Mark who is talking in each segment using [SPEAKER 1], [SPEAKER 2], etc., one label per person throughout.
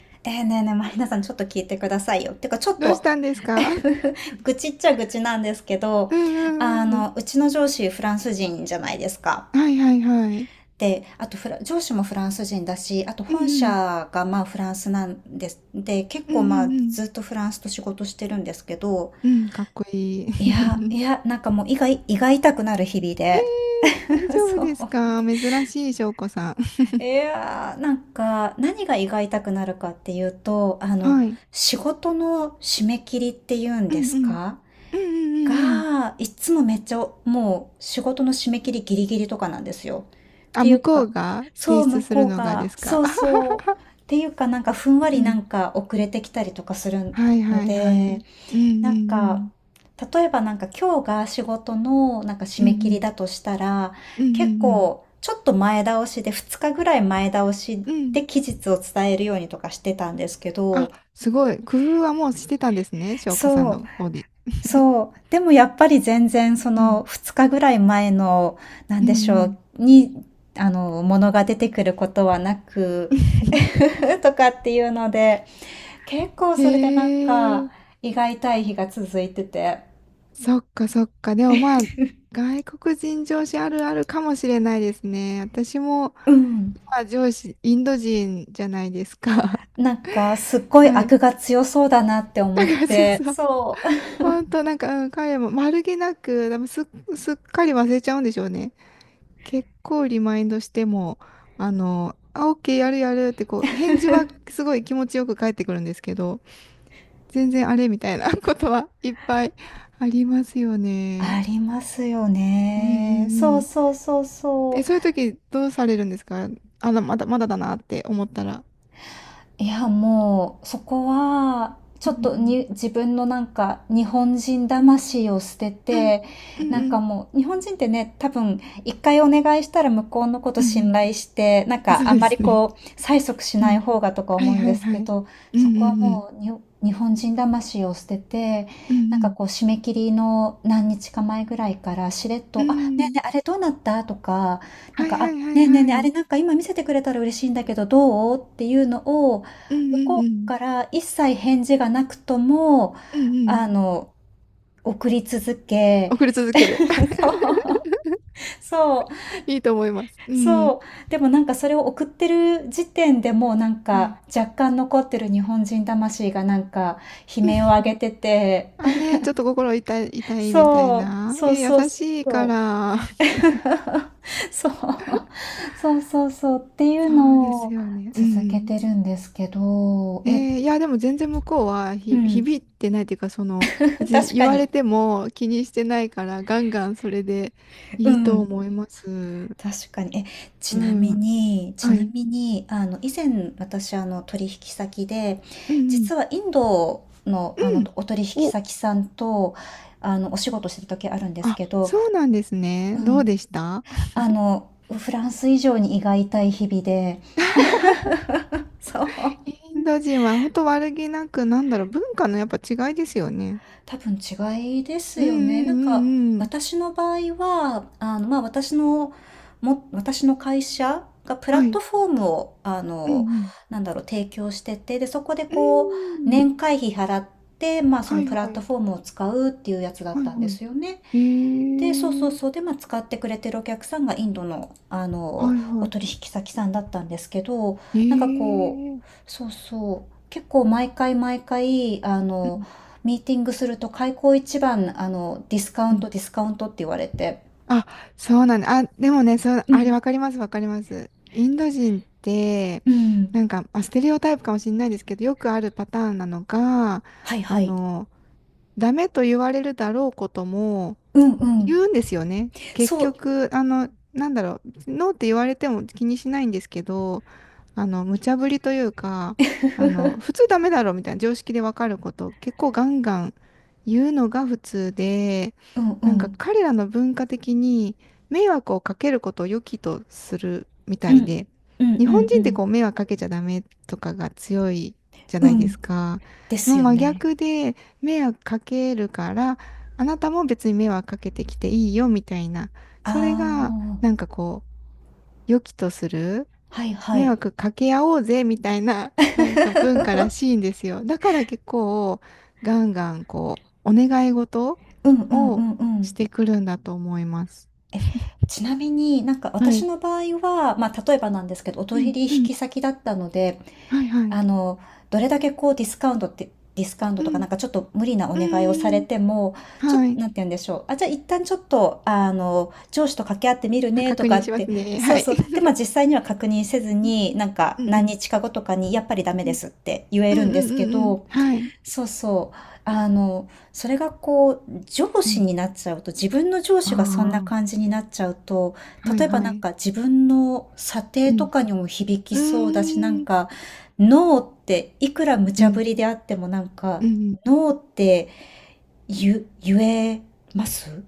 [SPEAKER 1] ねえーねえねえ、マリナさん、ちょっと聞いてくださいよ。てか、ちょっ
[SPEAKER 2] どうし
[SPEAKER 1] と
[SPEAKER 2] たんですか？
[SPEAKER 1] 愚痴っちゃ愚痴なんですけど、
[SPEAKER 2] うんうんうん。
[SPEAKER 1] うちの上司、フランス人じゃないですか。
[SPEAKER 2] はいはいはい。
[SPEAKER 1] で、あと上司もフランス人だし、あと
[SPEAKER 2] う
[SPEAKER 1] 本
[SPEAKER 2] んうん。
[SPEAKER 1] 社がまあフランスなんです。で、結
[SPEAKER 2] うん
[SPEAKER 1] 構
[SPEAKER 2] う
[SPEAKER 1] まあ
[SPEAKER 2] んう
[SPEAKER 1] ずっ
[SPEAKER 2] ん。
[SPEAKER 1] とフランスと仕事してるんですけど、
[SPEAKER 2] うん、かっこいい。
[SPEAKER 1] いや、い や、なんかもう胃が痛くなる日々
[SPEAKER 2] えー、
[SPEAKER 1] で。
[SPEAKER 2] 大 丈夫
[SPEAKER 1] そう。
[SPEAKER 2] ですか？珍しい、翔子さん。
[SPEAKER 1] い やー、なんか何が胃が痛くなるかっていうと、
[SPEAKER 2] はい。
[SPEAKER 1] 仕事の締め切りっていうん
[SPEAKER 2] う
[SPEAKER 1] で
[SPEAKER 2] ん
[SPEAKER 1] す
[SPEAKER 2] うん。
[SPEAKER 1] か
[SPEAKER 2] うんうんうんうん。
[SPEAKER 1] が、いつもめっちゃ、もう仕事の締め切りギリギリとかなんですよ。っ
[SPEAKER 2] あ、
[SPEAKER 1] てい
[SPEAKER 2] 向
[SPEAKER 1] う
[SPEAKER 2] こ
[SPEAKER 1] か、
[SPEAKER 2] うが
[SPEAKER 1] そ
[SPEAKER 2] 提
[SPEAKER 1] う、
[SPEAKER 2] 出
[SPEAKER 1] 向
[SPEAKER 2] す
[SPEAKER 1] こ
[SPEAKER 2] る
[SPEAKER 1] う
[SPEAKER 2] のがで
[SPEAKER 1] が、
[SPEAKER 2] すか？
[SPEAKER 1] そう
[SPEAKER 2] あはは
[SPEAKER 1] そう。
[SPEAKER 2] は。
[SPEAKER 1] っていうか、なんかふんわ
[SPEAKER 2] う
[SPEAKER 1] りな
[SPEAKER 2] ん。
[SPEAKER 1] んか遅れてきたりとかする
[SPEAKER 2] はい
[SPEAKER 1] の
[SPEAKER 2] はいはい。う
[SPEAKER 1] で、
[SPEAKER 2] んう
[SPEAKER 1] なんか、
[SPEAKER 2] ん
[SPEAKER 1] 例えばなんか今日が仕事のなんか締
[SPEAKER 2] うん。
[SPEAKER 1] め
[SPEAKER 2] うん
[SPEAKER 1] 切
[SPEAKER 2] う
[SPEAKER 1] り
[SPEAKER 2] ん。
[SPEAKER 1] だとしたら、
[SPEAKER 2] うん
[SPEAKER 1] 結
[SPEAKER 2] う
[SPEAKER 1] 構
[SPEAKER 2] ん
[SPEAKER 1] ちょっと前倒しで2日ぐらい前倒し
[SPEAKER 2] うん。うん。
[SPEAKER 1] で期日を伝えるようにとかしてたんですけ
[SPEAKER 2] あ、
[SPEAKER 1] ど、
[SPEAKER 2] すごい。工夫はもうしてたんですね、翔子さん
[SPEAKER 1] そう
[SPEAKER 2] の方で。
[SPEAKER 1] そう。でもやっぱり全然そ
[SPEAKER 2] う
[SPEAKER 1] の
[SPEAKER 2] ん。
[SPEAKER 1] 2日ぐらい前の、なん
[SPEAKER 2] うん
[SPEAKER 1] でしょ
[SPEAKER 2] うん。
[SPEAKER 1] う、に、あの、ものが出てくることはなく、とかっていうので、結構
[SPEAKER 2] え
[SPEAKER 1] それでなんか、
[SPEAKER 2] え。
[SPEAKER 1] 胃が痛い日が続いてて、
[SPEAKER 2] そっかそっか。でもまあ、外国人上司あるあるかもしれないですね。私も、
[SPEAKER 1] うん。
[SPEAKER 2] まあ上司、インド人じゃないですか。
[SPEAKER 1] なんか、すっご い
[SPEAKER 2] はい。
[SPEAKER 1] 悪が強そうだなって
[SPEAKER 2] だ
[SPEAKER 1] 思っ
[SPEAKER 2] からそう
[SPEAKER 1] て、
[SPEAKER 2] そう。
[SPEAKER 1] そう。
[SPEAKER 2] 本当なんか、うん、彼も丸気なく、でもすっ、すっかり忘れちゃうんでしょうね。結構リマインドしても、あ、オッケー、やるやるってこう、返事はすごい気持ちよく返ってくるんですけど、全然あれみたいなことはいっぱいありますよね。
[SPEAKER 1] ありますよ
[SPEAKER 2] うんう
[SPEAKER 1] ね。
[SPEAKER 2] ん
[SPEAKER 1] そ
[SPEAKER 2] う
[SPEAKER 1] う
[SPEAKER 2] ん。
[SPEAKER 1] そうそうそ
[SPEAKER 2] え、
[SPEAKER 1] う。
[SPEAKER 2] そういう時どうされるんですか？まだ、まだだなって思ったら。
[SPEAKER 1] いや、もう、そこは、ちょ
[SPEAKER 2] う
[SPEAKER 1] っと
[SPEAKER 2] ん。
[SPEAKER 1] に、自分のなんか、日本人魂を捨て
[SPEAKER 2] うん。
[SPEAKER 1] て、
[SPEAKER 2] うん。
[SPEAKER 1] な
[SPEAKER 2] う
[SPEAKER 1] んか
[SPEAKER 2] ん。
[SPEAKER 1] もう、日本人ってね、多分、一回お願いしたら向こうのこと
[SPEAKER 2] うん。う
[SPEAKER 1] 信
[SPEAKER 2] ん。
[SPEAKER 1] 頼して、なん
[SPEAKER 2] あ、そ
[SPEAKER 1] か、
[SPEAKER 2] う
[SPEAKER 1] あん
[SPEAKER 2] で
[SPEAKER 1] まり
[SPEAKER 2] すね。
[SPEAKER 1] こう、催促し
[SPEAKER 2] う
[SPEAKER 1] ない
[SPEAKER 2] ん。
[SPEAKER 1] 方がとか
[SPEAKER 2] は
[SPEAKER 1] 思
[SPEAKER 2] い
[SPEAKER 1] うん
[SPEAKER 2] は
[SPEAKER 1] で
[SPEAKER 2] い
[SPEAKER 1] す
[SPEAKER 2] は
[SPEAKER 1] け
[SPEAKER 2] い。
[SPEAKER 1] ど、
[SPEAKER 2] う
[SPEAKER 1] そ
[SPEAKER 2] んう
[SPEAKER 1] こは
[SPEAKER 2] んうん。
[SPEAKER 1] もう、日本人魂を捨てて、
[SPEAKER 2] う
[SPEAKER 1] なんか
[SPEAKER 2] ん
[SPEAKER 1] こう、締め切りの何日か前ぐらいから、しれっ
[SPEAKER 2] う
[SPEAKER 1] と、
[SPEAKER 2] ん。
[SPEAKER 1] あ、
[SPEAKER 2] う
[SPEAKER 1] ね
[SPEAKER 2] ん。
[SPEAKER 1] えねえ、あれどうなったとか、なん
[SPEAKER 2] はい
[SPEAKER 1] か、
[SPEAKER 2] は
[SPEAKER 1] あ、
[SPEAKER 2] いは
[SPEAKER 1] ね
[SPEAKER 2] い
[SPEAKER 1] え
[SPEAKER 2] は
[SPEAKER 1] ねえねえ、
[SPEAKER 2] い。
[SPEAKER 1] あ
[SPEAKER 2] う
[SPEAKER 1] れ
[SPEAKER 2] ん
[SPEAKER 1] なんか今見せてくれたら嬉しいんだけど、どうっていうのを、
[SPEAKER 2] うん
[SPEAKER 1] 向こ
[SPEAKER 2] う
[SPEAKER 1] う
[SPEAKER 2] ん。
[SPEAKER 1] から一切返事がなくとも、
[SPEAKER 2] うんうん。
[SPEAKER 1] あの、送り続け、
[SPEAKER 2] 送り続ける。
[SPEAKER 1] そう、そう、
[SPEAKER 2] いいと思います。うん。
[SPEAKER 1] そう。でもなんかそれを送ってる時点でもうなん
[SPEAKER 2] はい。
[SPEAKER 1] か若干残ってる日本人魂がなんか悲鳴を上げてて、
[SPEAKER 2] あ、ね、ちょっと心痛い、痛いみたい
[SPEAKER 1] そう、
[SPEAKER 2] な。
[SPEAKER 1] そう
[SPEAKER 2] え、優
[SPEAKER 1] そうそう
[SPEAKER 2] しいか
[SPEAKER 1] そう。
[SPEAKER 2] ら。
[SPEAKER 1] そう、そうそうそうってい
[SPEAKER 2] そ
[SPEAKER 1] う
[SPEAKER 2] うで
[SPEAKER 1] の
[SPEAKER 2] す
[SPEAKER 1] を
[SPEAKER 2] よね。う
[SPEAKER 1] 続け
[SPEAKER 2] ん。
[SPEAKER 1] てるんですけど、
[SPEAKER 2] えー、いや、でも全然向こうは、
[SPEAKER 1] う
[SPEAKER 2] ひ
[SPEAKER 1] ん、
[SPEAKER 2] 響いてないっていうか、その、別に
[SPEAKER 1] 確
[SPEAKER 2] 言
[SPEAKER 1] か
[SPEAKER 2] われ
[SPEAKER 1] に、
[SPEAKER 2] ても気にしてないから、ガンガンそれで
[SPEAKER 1] う
[SPEAKER 2] いいと
[SPEAKER 1] ん。
[SPEAKER 2] 思います。
[SPEAKER 1] 確かに。
[SPEAKER 2] う
[SPEAKER 1] ちなみ
[SPEAKER 2] ん。
[SPEAKER 1] に、ち
[SPEAKER 2] は
[SPEAKER 1] な
[SPEAKER 2] い。
[SPEAKER 1] みに、以前私、取引先で、
[SPEAKER 2] うんうん。
[SPEAKER 1] 実はインドの、
[SPEAKER 2] うん。
[SPEAKER 1] お取引
[SPEAKER 2] お、
[SPEAKER 1] 先さんと、お仕事してた時あるんです
[SPEAKER 2] あ、
[SPEAKER 1] けど、
[SPEAKER 2] そうなんです
[SPEAKER 1] う
[SPEAKER 2] ね。どう
[SPEAKER 1] ん、
[SPEAKER 2] でした？
[SPEAKER 1] フランス以上に胃が痛い日々で、そ
[SPEAKER 2] イ
[SPEAKER 1] う。
[SPEAKER 2] ンド人は本当悪気なく、なんだろう、文化のやっぱ違いですよね。
[SPEAKER 1] 多分違いです
[SPEAKER 2] うんう
[SPEAKER 1] よね。
[SPEAKER 2] ん
[SPEAKER 1] なん
[SPEAKER 2] う
[SPEAKER 1] か
[SPEAKER 2] んうん。
[SPEAKER 1] 私の場合は、まあ私の会社がプラ
[SPEAKER 2] は
[SPEAKER 1] ット
[SPEAKER 2] い。
[SPEAKER 1] フォームを、
[SPEAKER 2] うん
[SPEAKER 1] なんだろう、提供してて、で、そこで
[SPEAKER 2] うん。
[SPEAKER 1] こ
[SPEAKER 2] う
[SPEAKER 1] う、
[SPEAKER 2] ん。
[SPEAKER 1] 年会費払って、まあそ
[SPEAKER 2] は
[SPEAKER 1] の
[SPEAKER 2] い
[SPEAKER 1] プラッ
[SPEAKER 2] は
[SPEAKER 1] ト
[SPEAKER 2] い。
[SPEAKER 1] フォームを使うっていうやつだっ
[SPEAKER 2] はい
[SPEAKER 1] たんで
[SPEAKER 2] は
[SPEAKER 1] すよね。
[SPEAKER 2] い。え
[SPEAKER 1] で、そうそうそう。
[SPEAKER 2] ー。
[SPEAKER 1] で、まあ、使ってくれてるお客さんがインドの、
[SPEAKER 2] はい
[SPEAKER 1] お
[SPEAKER 2] は
[SPEAKER 1] 取引先さんだったんですけど、
[SPEAKER 2] い。
[SPEAKER 1] なんかこ
[SPEAKER 2] え
[SPEAKER 1] う、
[SPEAKER 2] ー。
[SPEAKER 1] そうそう。結構毎回毎回、
[SPEAKER 2] うん
[SPEAKER 1] ミーティングすると開口一番、ディスカウ
[SPEAKER 2] う
[SPEAKER 1] ン
[SPEAKER 2] ん。
[SPEAKER 1] ト、ディスカウントって言われて。
[SPEAKER 2] あ、そうなんだ。あ、でもね、そう、
[SPEAKER 1] う
[SPEAKER 2] あれ
[SPEAKER 1] ん、
[SPEAKER 2] わかります、わかります。インド人って、
[SPEAKER 1] うん。
[SPEAKER 2] なんか、まあ、ステレオタイプかもしれないですけど、よくあるパターンなのが、
[SPEAKER 1] はいは
[SPEAKER 2] あ
[SPEAKER 1] い。
[SPEAKER 2] の、ダメと言われるだろうことも、
[SPEAKER 1] うんうん。
[SPEAKER 2] 言うんですよね。結
[SPEAKER 1] そう。
[SPEAKER 2] 局、あの、なんだろう、ノーって言われても気にしないんですけど、無茶ぶりというか、普通 ダメだろみたいな常識でわかることを結構ガンガン言うのが普通で、
[SPEAKER 1] うんう
[SPEAKER 2] なんか
[SPEAKER 1] ん。
[SPEAKER 2] 彼らの文化的に迷惑をかけることを良きとするみ
[SPEAKER 1] う
[SPEAKER 2] た
[SPEAKER 1] ん。
[SPEAKER 2] いで、
[SPEAKER 1] うん
[SPEAKER 2] 日
[SPEAKER 1] う
[SPEAKER 2] 本
[SPEAKER 1] んう
[SPEAKER 2] 人って
[SPEAKER 1] ん。
[SPEAKER 2] こう迷惑かけちゃダメとかが強いじゃな
[SPEAKER 1] う
[SPEAKER 2] いで
[SPEAKER 1] ん。
[SPEAKER 2] すか。
[SPEAKER 1] で
[SPEAKER 2] の
[SPEAKER 1] すよ
[SPEAKER 2] 真
[SPEAKER 1] ね。
[SPEAKER 2] 逆で、迷惑かけるから、あなたも別に迷惑かけてきていいよみたいな、
[SPEAKER 1] あ
[SPEAKER 2] それが
[SPEAKER 1] あ。
[SPEAKER 2] なんかこう、良きとする、
[SPEAKER 1] はいは
[SPEAKER 2] 迷
[SPEAKER 1] い。
[SPEAKER 2] 惑かけ合おうぜみたいな、なんか文化らし いんですよ。だから結構、ガンガンこう、お願い事
[SPEAKER 1] うんうんう
[SPEAKER 2] を
[SPEAKER 1] んう
[SPEAKER 2] し
[SPEAKER 1] ん。
[SPEAKER 2] てくるんだと思います。
[SPEAKER 1] ちなみになんか
[SPEAKER 2] は
[SPEAKER 1] 私
[SPEAKER 2] い。
[SPEAKER 1] の場合は、まあ例えばなんですけど、お
[SPEAKER 2] う
[SPEAKER 1] 取
[SPEAKER 2] ん
[SPEAKER 1] 引
[SPEAKER 2] うん。
[SPEAKER 1] 引先だったので、
[SPEAKER 2] はいはい。
[SPEAKER 1] あの、どれだけこうディスカウントって、ディスカウント
[SPEAKER 2] う
[SPEAKER 1] とか
[SPEAKER 2] ん。
[SPEAKER 1] なんかちょっと無理なお
[SPEAKER 2] う
[SPEAKER 1] 願いをされ
[SPEAKER 2] ん。
[SPEAKER 1] ても、ちょっ
[SPEAKER 2] は
[SPEAKER 1] と、
[SPEAKER 2] い。
[SPEAKER 1] なんて言うんでしょう。あ、じゃあ一旦ちょっと、上司と掛け合ってみる
[SPEAKER 2] あ、
[SPEAKER 1] ねと
[SPEAKER 2] 確
[SPEAKER 1] か
[SPEAKER 2] 認
[SPEAKER 1] っ
[SPEAKER 2] します
[SPEAKER 1] て、
[SPEAKER 2] ね。
[SPEAKER 1] そ
[SPEAKER 2] は
[SPEAKER 1] う
[SPEAKER 2] い。
[SPEAKER 1] そう。で、まあ実際には確認せず
[SPEAKER 2] うん
[SPEAKER 1] に、なんか
[SPEAKER 2] う
[SPEAKER 1] 何
[SPEAKER 2] ん
[SPEAKER 1] 日か後とかにやっぱりダメ
[SPEAKER 2] う
[SPEAKER 1] で
[SPEAKER 2] ん
[SPEAKER 1] すって言え
[SPEAKER 2] うん
[SPEAKER 1] るんで
[SPEAKER 2] うん
[SPEAKER 1] す
[SPEAKER 2] う
[SPEAKER 1] け
[SPEAKER 2] んうん。
[SPEAKER 1] ど、
[SPEAKER 2] はい。
[SPEAKER 1] そうそう。あの、それがこう、上
[SPEAKER 2] う
[SPEAKER 1] 司
[SPEAKER 2] ん。
[SPEAKER 1] になっちゃうと、自分の上
[SPEAKER 2] あ
[SPEAKER 1] 司がそんな感じになっちゃうと、
[SPEAKER 2] あ。はい
[SPEAKER 1] 例えば
[SPEAKER 2] は
[SPEAKER 1] なん
[SPEAKER 2] い。
[SPEAKER 1] か自分の査定
[SPEAKER 2] う
[SPEAKER 1] と
[SPEAKER 2] ん。
[SPEAKER 1] かにも響き
[SPEAKER 2] う
[SPEAKER 1] そうだし、なん
[SPEAKER 2] ーん、
[SPEAKER 1] か、ノーっていくら無
[SPEAKER 2] う
[SPEAKER 1] 茶ぶ
[SPEAKER 2] ん、
[SPEAKER 1] りであってもなんか、
[SPEAKER 2] うん。
[SPEAKER 1] ノーって言えます？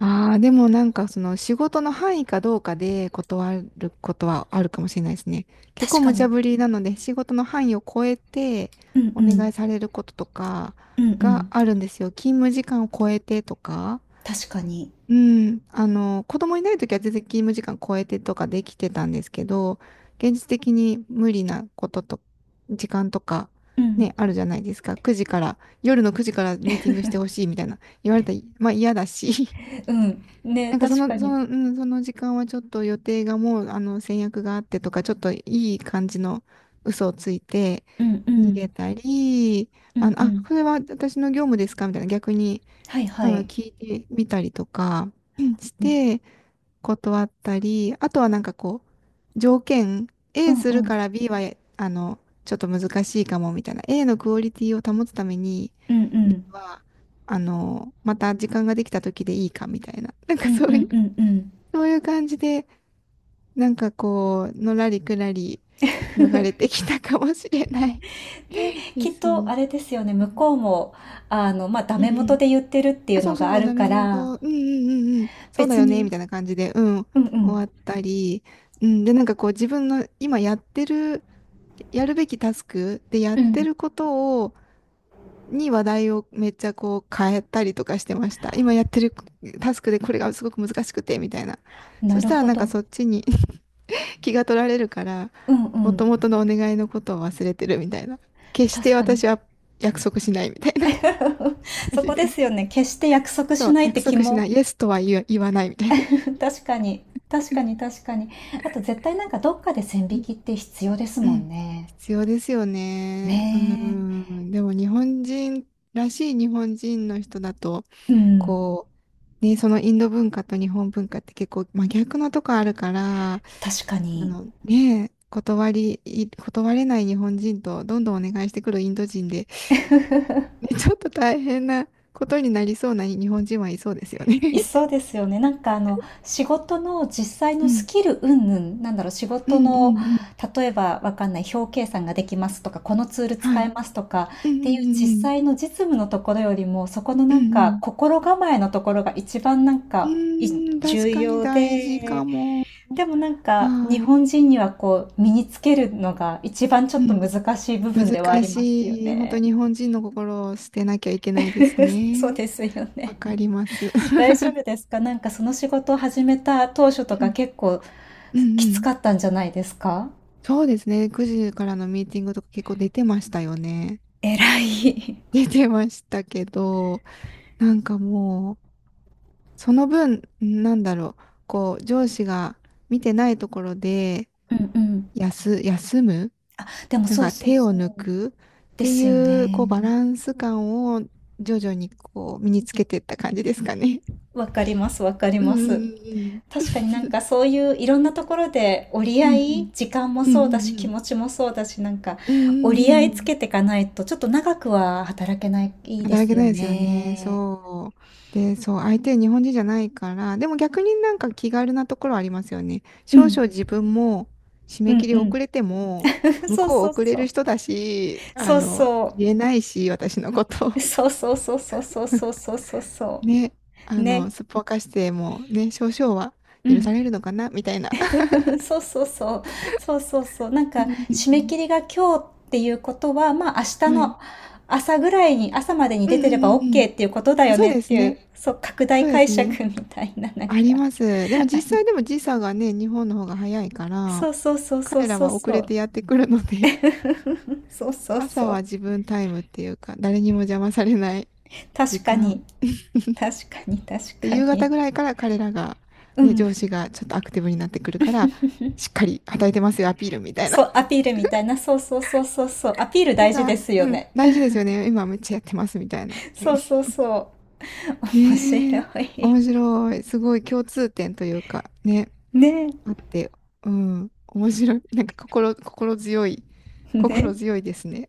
[SPEAKER 2] ああ、でもなんかその仕事の範囲かどうかで断ることはあるかもしれないですね。結
[SPEAKER 1] 確
[SPEAKER 2] 構
[SPEAKER 1] か
[SPEAKER 2] 無茶
[SPEAKER 1] に。
[SPEAKER 2] ぶりなので仕事の範囲を超えて
[SPEAKER 1] うん
[SPEAKER 2] お
[SPEAKER 1] う
[SPEAKER 2] 願
[SPEAKER 1] ん。
[SPEAKER 2] いされることとか
[SPEAKER 1] うんう
[SPEAKER 2] が
[SPEAKER 1] ん。
[SPEAKER 2] あるんですよ。勤務時間を超えてとか。
[SPEAKER 1] 確かに。
[SPEAKER 2] うん、子供いないときは全然勤務時間超えてとかできてたんですけど、現実的に無理なことと、時間とか、
[SPEAKER 1] うん。
[SPEAKER 2] ね、あるじゃないですか。9時から、夜の9時からミーティングしてほ しいみたいな言われたら、まあ嫌だし、
[SPEAKER 1] うん。ね、
[SPEAKER 2] なんかそ
[SPEAKER 1] 確か
[SPEAKER 2] の、そ
[SPEAKER 1] に。
[SPEAKER 2] の、うん、その時間はちょっと予定がもう、あの、先約があってとか、ちょっといい感じの嘘をついて
[SPEAKER 1] うんう
[SPEAKER 2] 逃
[SPEAKER 1] ん。
[SPEAKER 2] げたり、
[SPEAKER 1] うんう
[SPEAKER 2] あ、
[SPEAKER 1] ん。
[SPEAKER 2] これは私の業務ですかみたいな、逆に。
[SPEAKER 1] はいはい。
[SPEAKER 2] 聞いてみたりとか、うんし
[SPEAKER 1] うん
[SPEAKER 2] て断ったり、あとはなんかこう、条件、
[SPEAKER 1] う
[SPEAKER 2] A
[SPEAKER 1] ん
[SPEAKER 2] す
[SPEAKER 1] う
[SPEAKER 2] るか
[SPEAKER 1] ん。
[SPEAKER 2] ら B は、あの、ちょっと難しいかもみたいな、A のクオリティを保つために、
[SPEAKER 1] うんう
[SPEAKER 2] B
[SPEAKER 1] ん。
[SPEAKER 2] は、また時間ができた時でいいかみたいな、なん
[SPEAKER 1] う
[SPEAKER 2] か
[SPEAKER 1] んう
[SPEAKER 2] そうい
[SPEAKER 1] ん
[SPEAKER 2] う、
[SPEAKER 1] うん
[SPEAKER 2] そういう感じで、なんかこう、のらりくらり
[SPEAKER 1] う
[SPEAKER 2] 逃
[SPEAKER 1] ん。
[SPEAKER 2] れて きたかもしれない
[SPEAKER 1] で、
[SPEAKER 2] で
[SPEAKER 1] きっ
[SPEAKER 2] す
[SPEAKER 1] と
[SPEAKER 2] ね。
[SPEAKER 1] あれですよね、向こうも、まあ、ダ
[SPEAKER 2] う
[SPEAKER 1] メ
[SPEAKER 2] んう
[SPEAKER 1] 元
[SPEAKER 2] ん。
[SPEAKER 1] で言ってるってい
[SPEAKER 2] あ、
[SPEAKER 1] う
[SPEAKER 2] そ
[SPEAKER 1] の
[SPEAKER 2] うそう
[SPEAKER 1] が
[SPEAKER 2] そ
[SPEAKER 1] あ
[SPEAKER 2] う、
[SPEAKER 1] る
[SPEAKER 2] ダメ
[SPEAKER 1] から、
[SPEAKER 2] 元、うんうんうんうん、そうだ
[SPEAKER 1] 別
[SPEAKER 2] よね、み
[SPEAKER 1] に、
[SPEAKER 2] たいな感じで、うん、
[SPEAKER 1] うんう
[SPEAKER 2] 終わっ
[SPEAKER 1] ん、
[SPEAKER 2] たり、うん、で、なんかこう自分の今やってる、やるべきタスクでやっ
[SPEAKER 1] う
[SPEAKER 2] て
[SPEAKER 1] ん、
[SPEAKER 2] ることを、に話題をめっちゃこう変えたりとかしてました。今やってるタスクでこれがすごく難しくて、みたいな。そ
[SPEAKER 1] な
[SPEAKER 2] し
[SPEAKER 1] る
[SPEAKER 2] たら
[SPEAKER 1] ほ
[SPEAKER 2] なんか
[SPEAKER 1] ど。
[SPEAKER 2] そっちに、 気が取られるから、
[SPEAKER 1] うんう
[SPEAKER 2] もと
[SPEAKER 1] ん、
[SPEAKER 2] もとのお願いのことを忘れてるみたいな。決して
[SPEAKER 1] 確かに。
[SPEAKER 2] 私は約束しないみたいな感
[SPEAKER 1] そ
[SPEAKER 2] じ
[SPEAKER 1] こで
[SPEAKER 2] で。
[SPEAKER 1] すよね、決して約束
[SPEAKER 2] そ
[SPEAKER 1] し
[SPEAKER 2] う、
[SPEAKER 1] ないっ
[SPEAKER 2] 約
[SPEAKER 1] て気
[SPEAKER 2] 束しな
[SPEAKER 1] も、
[SPEAKER 2] い。イエスとは言わ言わないみたいな。
[SPEAKER 1] 確かに、確かに確かに。あと絶対なんかどっかで線
[SPEAKER 2] う
[SPEAKER 1] 引
[SPEAKER 2] ん
[SPEAKER 1] きって必要です
[SPEAKER 2] う
[SPEAKER 1] もん
[SPEAKER 2] ん。
[SPEAKER 1] ね。
[SPEAKER 2] 必要ですよね。う
[SPEAKER 1] ね
[SPEAKER 2] ん。でも日本人らしい日本人の人だと、
[SPEAKER 1] え、うん、
[SPEAKER 2] こう、ね、そのインド文化と日本文化って結構真逆なとこあるから、あ
[SPEAKER 1] 確かに。
[SPEAKER 2] のね、断り、い断れない日本人とどんどんお願いしてくるインド人で、ね、ちょっと大変なことになりそうな日本人はいそうですよね。
[SPEAKER 1] いそうですよね。なんか仕事の実際
[SPEAKER 2] う
[SPEAKER 1] のス
[SPEAKER 2] ん。
[SPEAKER 1] キル云々、なんだろう、仕
[SPEAKER 2] う
[SPEAKER 1] 事
[SPEAKER 2] んう
[SPEAKER 1] の、
[SPEAKER 2] んうん。
[SPEAKER 1] 例えばわかんない、表計算ができますとか、このツール
[SPEAKER 2] は
[SPEAKER 1] 使
[SPEAKER 2] い。
[SPEAKER 1] えます
[SPEAKER 2] う
[SPEAKER 1] とか
[SPEAKER 2] んうん
[SPEAKER 1] っていう
[SPEAKER 2] うん
[SPEAKER 1] 実
[SPEAKER 2] うん。
[SPEAKER 1] 際の実務のところよりも、そこの
[SPEAKER 2] う
[SPEAKER 1] なんか
[SPEAKER 2] ん
[SPEAKER 1] 心構えのところが一番なん
[SPEAKER 2] うん。
[SPEAKER 1] かい
[SPEAKER 2] うーん、
[SPEAKER 1] 重
[SPEAKER 2] 確かに
[SPEAKER 1] 要
[SPEAKER 2] 大事
[SPEAKER 1] で、
[SPEAKER 2] かも。
[SPEAKER 1] でもなんか日
[SPEAKER 2] はい。
[SPEAKER 1] 本人にはこう身につけるのが一番ちょ
[SPEAKER 2] う
[SPEAKER 1] っと
[SPEAKER 2] ん。
[SPEAKER 1] 難しい部分ではあ
[SPEAKER 2] 難
[SPEAKER 1] りますよ
[SPEAKER 2] しい。本当
[SPEAKER 1] ね。
[SPEAKER 2] 日本人の心を捨てなきゃいけないです
[SPEAKER 1] そう
[SPEAKER 2] ね。
[SPEAKER 1] ですよ
[SPEAKER 2] わ
[SPEAKER 1] ね。
[SPEAKER 2] かります。
[SPEAKER 1] 大丈夫ですか？なんかその仕事を始めた当初と
[SPEAKER 2] う
[SPEAKER 1] か
[SPEAKER 2] ん。
[SPEAKER 1] 結構
[SPEAKER 2] うん
[SPEAKER 1] き
[SPEAKER 2] う
[SPEAKER 1] つ
[SPEAKER 2] ん。
[SPEAKER 1] かったんじゃないですか？
[SPEAKER 2] そうですね。9時からのミーティングとか結構出てましたよね。
[SPEAKER 1] 偉い。
[SPEAKER 2] 出てましたけど、なんかもう、その分、なんだろう。こう、上司が見てないところで、
[SPEAKER 1] うんうん。
[SPEAKER 2] 休、休む
[SPEAKER 1] あ、でも
[SPEAKER 2] なん
[SPEAKER 1] そう
[SPEAKER 2] か
[SPEAKER 1] そう
[SPEAKER 2] 手を
[SPEAKER 1] そ
[SPEAKER 2] 抜
[SPEAKER 1] う。
[SPEAKER 2] くっ
[SPEAKER 1] で
[SPEAKER 2] て
[SPEAKER 1] すよ
[SPEAKER 2] いう、
[SPEAKER 1] ね。
[SPEAKER 2] こう、バランス感を徐々にこう、身につけていった感じですかね。
[SPEAKER 1] わかります、わかり
[SPEAKER 2] う
[SPEAKER 1] ます。
[SPEAKER 2] んうん
[SPEAKER 1] 確かになんかそういういろんなところで折り
[SPEAKER 2] う
[SPEAKER 1] 合い、
[SPEAKER 2] ん
[SPEAKER 1] 時間も
[SPEAKER 2] う
[SPEAKER 1] そうだし
[SPEAKER 2] んう
[SPEAKER 1] 気
[SPEAKER 2] ん
[SPEAKER 1] 持ちもそうだし、なんか
[SPEAKER 2] うんう
[SPEAKER 1] 折
[SPEAKER 2] んうん
[SPEAKER 1] り
[SPEAKER 2] う
[SPEAKER 1] 合い
[SPEAKER 2] んう
[SPEAKER 1] つ
[SPEAKER 2] ん。
[SPEAKER 1] けていかないとちょっと長くは働けないで
[SPEAKER 2] 働け
[SPEAKER 1] す
[SPEAKER 2] な
[SPEAKER 1] よ
[SPEAKER 2] いですよね。
[SPEAKER 1] ね。
[SPEAKER 2] そう。で、そう、相手日本人じゃないから、でも逆になんか気軽なところありますよね。
[SPEAKER 1] う
[SPEAKER 2] 少
[SPEAKER 1] ん、
[SPEAKER 2] 々自分も締
[SPEAKER 1] う
[SPEAKER 2] め
[SPEAKER 1] ん
[SPEAKER 2] 切り
[SPEAKER 1] う
[SPEAKER 2] 遅
[SPEAKER 1] ん。
[SPEAKER 2] れても、向
[SPEAKER 1] そう
[SPEAKER 2] こう
[SPEAKER 1] そう
[SPEAKER 2] 遅れ
[SPEAKER 1] そ
[SPEAKER 2] る
[SPEAKER 1] う。
[SPEAKER 2] 人だし、
[SPEAKER 1] そうそ
[SPEAKER 2] 言え
[SPEAKER 1] う。
[SPEAKER 2] ないし、私のこと。
[SPEAKER 1] そうそうそうそうそうそうそうそう そ
[SPEAKER 2] ね、
[SPEAKER 1] うね
[SPEAKER 2] すっぽかしてもね、少々は
[SPEAKER 1] う
[SPEAKER 2] 許
[SPEAKER 1] ん
[SPEAKER 2] されるのかな、みたいな。
[SPEAKER 1] そうそうそうそうそうそうなん
[SPEAKER 2] うん
[SPEAKER 1] か
[SPEAKER 2] うんう
[SPEAKER 1] 締め
[SPEAKER 2] ん。
[SPEAKER 1] 切りが今日っていうことはまあ明日
[SPEAKER 2] はい。
[SPEAKER 1] の朝ぐらいに朝までに
[SPEAKER 2] うん
[SPEAKER 1] 出
[SPEAKER 2] う
[SPEAKER 1] てれば
[SPEAKER 2] んうんうん。
[SPEAKER 1] OK っていうことだ
[SPEAKER 2] あ、
[SPEAKER 1] よ
[SPEAKER 2] そう
[SPEAKER 1] ね
[SPEAKER 2] で
[SPEAKER 1] っ
[SPEAKER 2] す
[SPEAKER 1] ていう
[SPEAKER 2] ね。
[SPEAKER 1] そう拡大
[SPEAKER 2] そうで
[SPEAKER 1] 解
[SPEAKER 2] す
[SPEAKER 1] 釈
[SPEAKER 2] ね。
[SPEAKER 1] みたいななん
[SPEAKER 2] あ
[SPEAKER 1] か
[SPEAKER 2] ります。でも
[SPEAKER 1] あ
[SPEAKER 2] 実
[SPEAKER 1] り
[SPEAKER 2] 際でも時差がね、日本の方が早いから、
[SPEAKER 1] そうそうそうそう
[SPEAKER 2] 彼ら
[SPEAKER 1] そう
[SPEAKER 2] は遅
[SPEAKER 1] そ
[SPEAKER 2] れ
[SPEAKER 1] う
[SPEAKER 2] てやってくるので、
[SPEAKER 1] そうそうそ
[SPEAKER 2] 朝は
[SPEAKER 1] う
[SPEAKER 2] 自分タイムっていうか、誰にも邪魔されない時
[SPEAKER 1] 確かに
[SPEAKER 2] 間。
[SPEAKER 1] 確かに確
[SPEAKER 2] で、
[SPEAKER 1] か
[SPEAKER 2] 夕方
[SPEAKER 1] に
[SPEAKER 2] ぐらいから彼らが、
[SPEAKER 1] う
[SPEAKER 2] ね、
[SPEAKER 1] ん
[SPEAKER 2] 上司がちょっとアクティブになってくるから、しっかり働いてますよ、アピールみたいな。
[SPEAKER 1] そうア ピールみたいなそうそうそうそうそうアピール
[SPEAKER 2] なん
[SPEAKER 1] 大事で
[SPEAKER 2] か、
[SPEAKER 1] すよ
[SPEAKER 2] うん、
[SPEAKER 1] ね
[SPEAKER 2] 大事ですよね。今めっちゃやってますみたいな。
[SPEAKER 1] そうそうそう。面
[SPEAKER 2] ね
[SPEAKER 1] 白
[SPEAKER 2] え、
[SPEAKER 1] い。
[SPEAKER 2] 面白い。すごい共通点というか、ね。
[SPEAKER 1] ねえ、
[SPEAKER 2] あって、うん、面白い。なんか心、心強い、心
[SPEAKER 1] ね
[SPEAKER 2] 強いですね。